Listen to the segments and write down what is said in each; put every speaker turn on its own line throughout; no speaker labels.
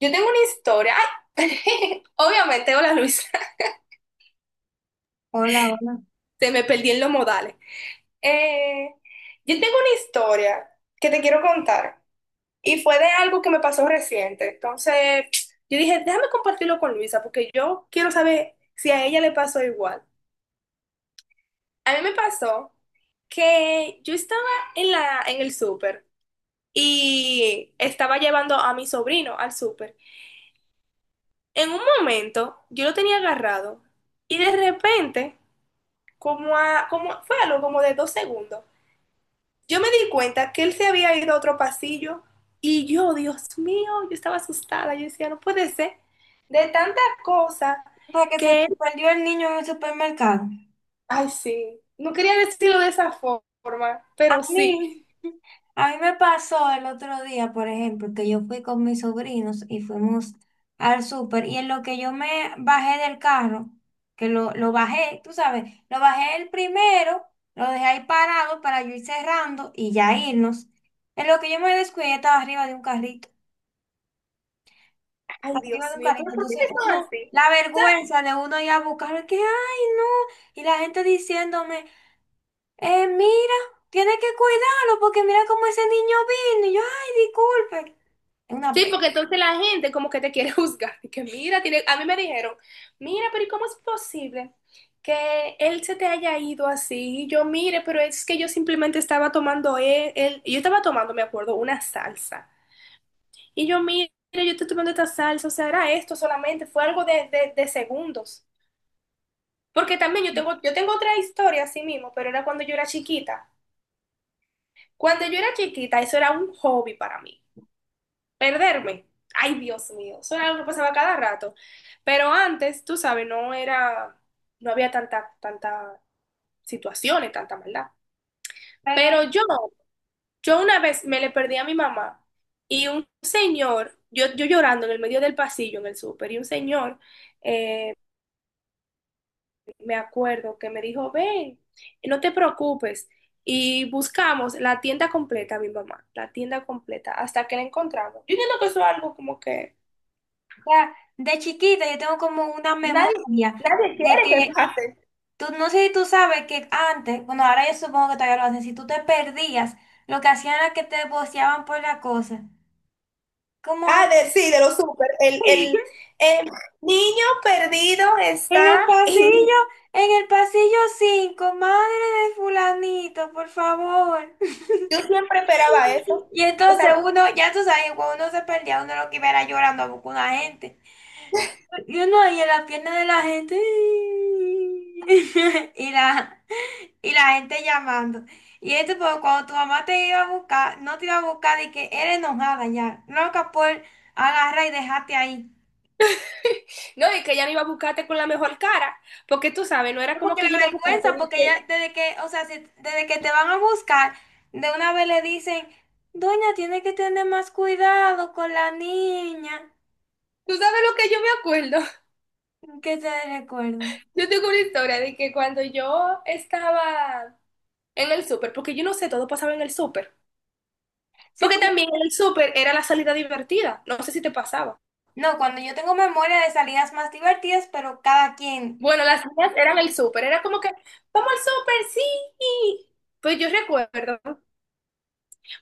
Yo tengo una historia. ¡Ay! Obviamente, hola Luisa.
Hola, hola.
Se me perdí en los modales. Eh, yo tengo una historia que te quiero contar. Y fue de algo que me pasó reciente. Entonces, yo dije, déjame compartirlo con Luisa, porque yo quiero saber si a ella le pasó igual. A mí me pasó que yo estaba en el súper y estaba llevando a mi sobrino al súper. En un momento yo lo tenía agarrado y de repente, como, como fue algo como de dos segundos, yo me di cuenta que él se había ido a otro pasillo y yo, Dios mío, yo estaba asustada, yo decía, no puede ser, de tanta cosa
O sea, que se
que él,
te perdió el niño en el supermercado.
ay sí, no quería decirlo de esa forma,
A
pero sí,
mí, a mí me pasó el otro día, por ejemplo, que yo fui con mis sobrinos y fuimos al súper y en lo que yo me bajé del carro, que lo bajé, tú sabes, lo bajé el primero, lo dejé ahí parado para yo ir cerrando y ya irnos. En lo que yo me descuidé, estaba arriba de un carrito,
ay
arriba
Dios
de un
mío, pero
carrito.
¿por qué
Entonces
que son
uno,
así?
la vergüenza de uno ir a buscarlo, que, ay, no. Y la gente diciéndome. Mira, tiene que cuidarlo porque mira cómo ese niño vino. Y yo, ay, disculpe. Es una
Sí,
pena.
porque entonces la gente como que te quiere juzgar. Y que mira, tiene, a mí me dijeron, mira, pero ¿y cómo es posible que él se te haya ido así? Y yo, mire, pero es que yo simplemente estaba tomando yo estaba tomando, me acuerdo, una salsa. Y yo, mire, yo estoy tomando esta salsa, o sea, era esto solamente, fue algo de segundos. Porque también yo tengo otra historia así mismo, pero era cuando yo era chiquita. Cuando yo era chiquita, eso era un hobby para mí. Perderme. Ay, Dios mío, eso era algo que pasaba cada rato. Pero antes, tú sabes, no era, no había tanta situaciones, tanta maldad.
Pero
Pero yo una vez me le perdí a mi mamá y un señor, yo llorando en el medio del pasillo en el súper, y un señor, eh, me acuerdo que me dijo, ven, no te preocupes. Y buscamos la tienda completa, mi mamá, la tienda completa, hasta que la encontramos. Yo entiendo que eso es algo como que
ya, de chiquita yo tengo como una
nadie,
memoria
nadie
de
quiere que
que
pase.
tú, no sé si tú sabes que antes, bueno, ahora yo supongo que todavía lo hacen, si tú te perdías, lo que hacían era que te boceaban por la cosa. Como
Ah, sí, de los súper. El, el, el niño perdido
en el
está en...
pasillo, en el pasillo 5 madre de fulanito, por favor.
Yo siempre esperaba eso.
Y
O sea,
entonces uno, ya tú sabes, cuando uno se perdía, uno lo que iba era llorando a buscar una gente. Y uno ahí en la pierna de la gente. Y la, y la gente llamando. Y esto, pues cuando tu mamá te iba a buscar, no te iba a buscar y que era enojada ya, loca por agarrar y dejarte ahí.
no, y que ella no iba a buscarte con la mejor cara, porque tú sabes, no era
No,
como
porque
que
la
ella iba a buscarte.
vergüenza, porque ya
De
desde que, o sea, si- desde que te van a buscar, de una vez le dicen, doña, tiene que tener más cuidado con la niña.
Tú sabes lo que yo me acuerdo.
¿Qué te recuerdo?
Yo tengo una historia de que cuando yo estaba en el súper, porque yo no sé, todo pasaba en el súper.
Sí,
Porque también
porque-
en el súper era la salida divertida. No sé si te pasaba.
no, cuando yo tengo memoria de salidas más divertidas, pero cada quien.
Bueno, las mías eran el súper, era como que, vamos al súper, sí. Pues yo recuerdo,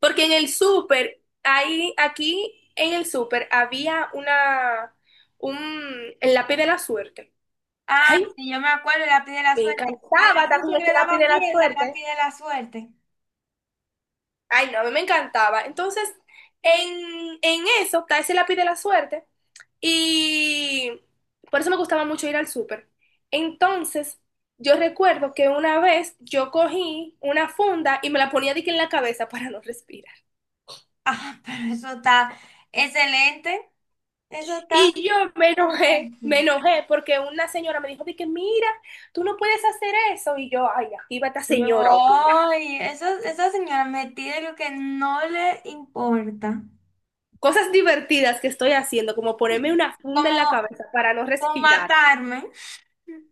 porque en el súper, ahí, aquí en el súper había un, el lápiz de la suerte.
Ah,
Ay,
sí, yo me acuerdo el lápiz de la
me
suerte. Había
encantaba estar
muchos
con
que
ese
le
lápiz
daban
de la
miedo el lápiz
suerte.
de la suerte.
Ay, no, a mí me encantaba. Entonces, en eso está ese lápiz de la suerte y por eso me gustaba mucho ir al súper. Entonces, yo recuerdo que una vez yo cogí una funda y me la ponía de que en la cabeza para no respirar.
Ah, pero eso está excelente. Eso está
Y yo me enojé,
perfecto.
me enojé porque una señora me dijo de que mira, tú no puedes hacer eso. Y yo, ay, aquí va esta
Yo,
señora a opinar.
ay, eso, esa señora metida en lo que no le importa.
Cosas divertidas que estoy haciendo, como ponerme una funda en la
Como,
cabeza para no
como
respirar.
matarme.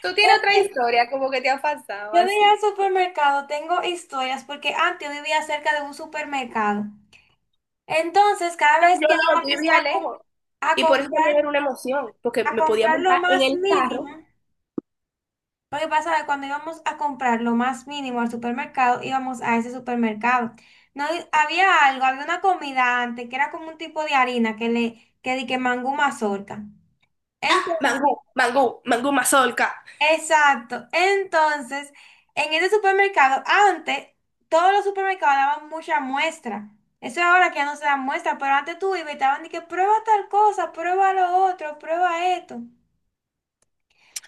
Tú
¿Sabes
tienes otra
qué?
historia, como que te ha pasado
Yo de ir al
así.
supermercado tengo historias porque antes yo vivía cerca de un supermercado. Entonces, cada
No,
vez
yo
que
no, yo
íbamos
vivía
a, com-
lejos.
a
Y por eso también
comprar,
era una emoción, porque
a
me podía
comprar lo
montar en
más
el
mínimo,
carro.
lo que pasa es que cuando íbamos a comprar lo más mínimo al supermercado, íbamos a ese supermercado. No di- había algo, había una comida antes que era como un tipo de harina que le que di que mangú mazorca. Entonces,
Mangú, mangú, mangú mazorca.
exacto. Entonces, en ese supermercado, antes todos los supermercados daban mucha muestra. Eso ahora que ya no se da muestra, pero antes tú ibas y te daban de que prueba tal cosa, prueba lo otro, prueba esto.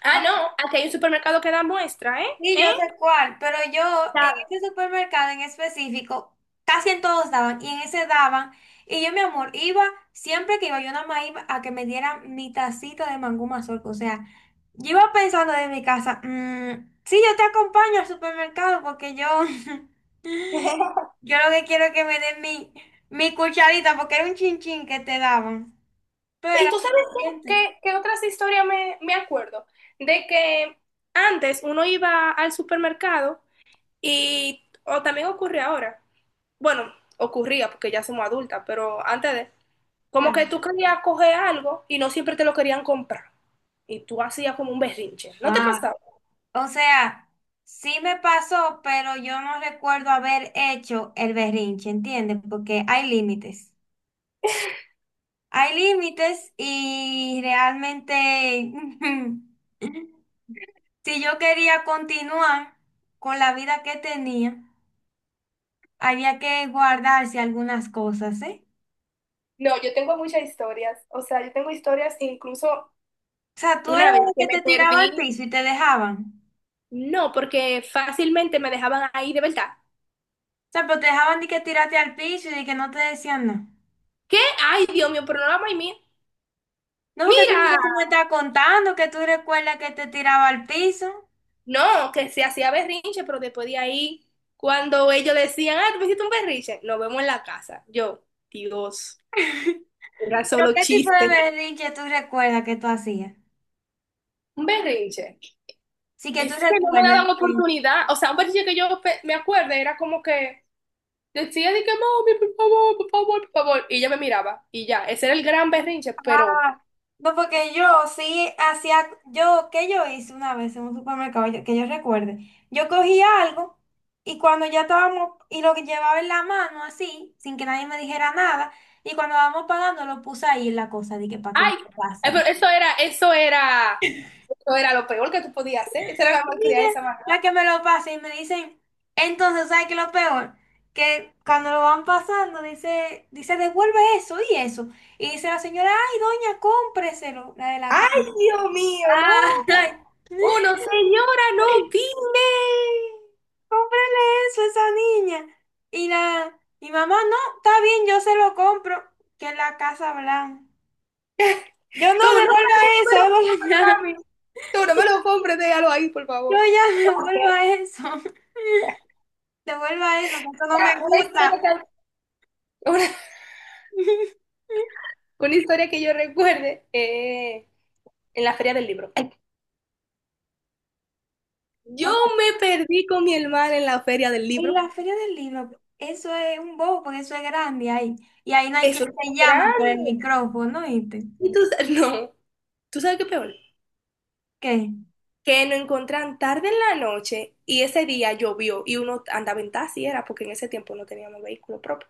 Ah, no, aquí hay un supermercado que da muestra, ¿eh?
Sí, yo
¿Eh?
sé cuál, pero yo en
Claro.
ese supermercado en específico, casi en todos daban, y en ese daban, y yo, mi amor, iba, siempre que iba, yo nada más iba a que me dieran mi tacita de mangú mazorca, o sea, yo iba pensando de mi casa, "Mm, sí, yo te acompaño al supermercado porque yo, yo lo que quiero es que me den mi, mi cucharita, porque era un chinchín que te daban, pero
Y
era
tú sabes
suficiente,
qué otras historias me acuerdo. De que antes uno iba al supermercado y, o también ocurre ahora. Bueno, ocurría porque ya somos adultas, pero antes de, como
claro.
que tú querías coger algo y no siempre te lo querían comprar. Y tú hacías como un berrinche. ¿No te pasaba?
O sea, sí me pasó, pero yo no recuerdo haber hecho el berrinche, ¿entiendes? Porque hay límites. Hay límites y realmente, si yo quería continuar con la vida que tenía, había que guardarse algunas cosas, ¿eh?
No, yo tengo muchas historias. O sea, yo tengo historias incluso
O sea, tú eras
una vez
el
que
que
me
te tiraba al
perdí,
piso y te dejaban.
no, porque fácilmente me dejaban ahí de verdad.
O sea, pero te dejaban de que tirarte al piso y de que no te decían nada.
¿Qué? Ay, Dios mío, pero no la mía.
No, porque eso es lo
Mira,
que tú no me estás contando, que tú recuerdas que te tiraba al piso.
no, que se hacía berrinche, pero después de ahí, cuando ellos decían, ah, tú hiciste un berrinche, nos vemos en la casa. Yo, Dios, era
¿Pero
solo
qué tipo de
chiste.
berrinche tú recuerdas que tú hacías?
Un berrinche.
Sí, que tú
Es que no me
recuerdes,
daban
sí.
oportunidad. O sea, un ejercicio que me acuerdo era como que decía de que, mami, por favor, por favor, por favor. Y ella me miraba. Y ya, ese era el gran berrinche, pero,
Ah, no, porque yo sí hacía, yo, ¿qué yo hice una vez en un supermercado? Yo- que yo recuerde. Yo cogía algo y cuando ya estábamos, y lo que llevaba en la mano así, sin que nadie me dijera nada, y cuando estábamos pagando lo puse ahí en la cosa, de que para que no
ay,
lo
pero
pasen.
eso era lo peor que tú podías hacer. Esa era la malcriada de esa manera.
La que me lo pasa y me dicen, entonces, ¿sabes qué es lo peor? Que cuando lo van pasando, dice, devuelve eso y eso. Y dice la señora, ay, doña, cómpreselo, la de la
Ay,
calle.
Dios mío, no.
Ay,
Uno, señora, no opine.
cómprele eso a esa niña. Y la, mi mamá, no, está bien, yo se lo compro, que es la Casa Blanca. Yo no
Tú no, mami,
devuelva
no me
eso,
lo
devuelva
compres,
ya.
mami. Tú no me lo compres, déjalo ahí, por
Yo
favor.
ya
No,
devuelva eso. Devuelva eso, que eso no
era
me
una
gusta.
historia tan. Una historia que yo recuerde en la feria del libro. Ay, yo
O
me perdí con mi hermana en la feria del
y
libro.
la feria del libro, eso es un bobo, porque eso es grande ahí. Y ahí no hay quien
Eso es
te
muy
llame por el
grande.
micrófono, ¿viste?
Y tú, no, tú sabes qué peor.
¿Qué?
Que nos encontraron tarde en la noche y ese día llovió y uno andaba en taxi, era porque en ese tiempo no teníamos vehículo propio.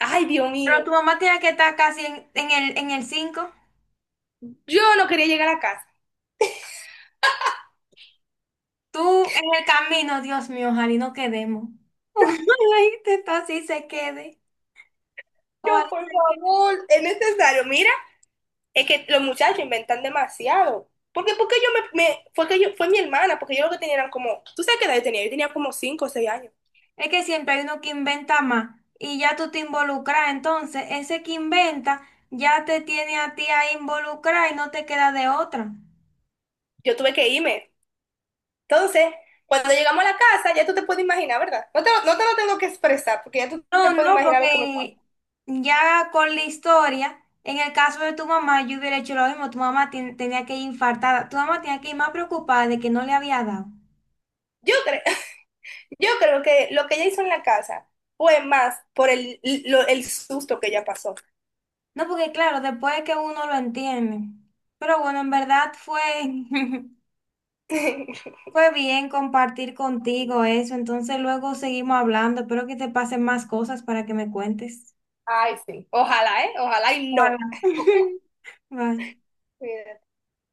Ay, Dios
Pero tu
mío,
mamá tiene que estar casi en el cinco.
yo no quería llegar a casa.
Tú en el camino, Dios mío, ojalá y no quedemos. Ojalá y te- así se quede.
Yo,
Ojalá y
por
se quede.
favor, es necesario. Mira, es que los muchachos inventan demasiado. Porque fue que fue mi hermana, porque yo lo que tenía eran como, ¿tú sabes qué edad yo tenía? Yo tenía como 5, o 6 años.
Es que siempre hay uno que inventa más y ya tú te involucras. Entonces, ese que inventa ya te tiene a ti a involucrar y no te queda de otra.
Yo tuve que irme. Entonces, cuando llegamos a la casa, ya tú te puedes imaginar, ¿verdad? No te lo tengo que expresar, porque ya tú te
No,
puedes
no,
imaginar lo que me
porque
pasó.
ya con la historia, en el caso de tu mamá, yo hubiera hecho lo mismo. Tu mamá ten- tenía que ir infartada. Tu mamá tenía que ir más preocupada de que no le había dado.
Yo creo, yo creo que lo que ella hizo en la casa fue más por el susto que ella pasó.
No, porque claro, después es que uno lo entiende. Pero bueno, en verdad fue, fue bien compartir contigo eso. Entonces luego seguimos hablando. Espero que te pasen más cosas para que me cuentes.
Ay, sí. Ojalá, ¿eh? Ojalá y no.
Ojalá. Bye.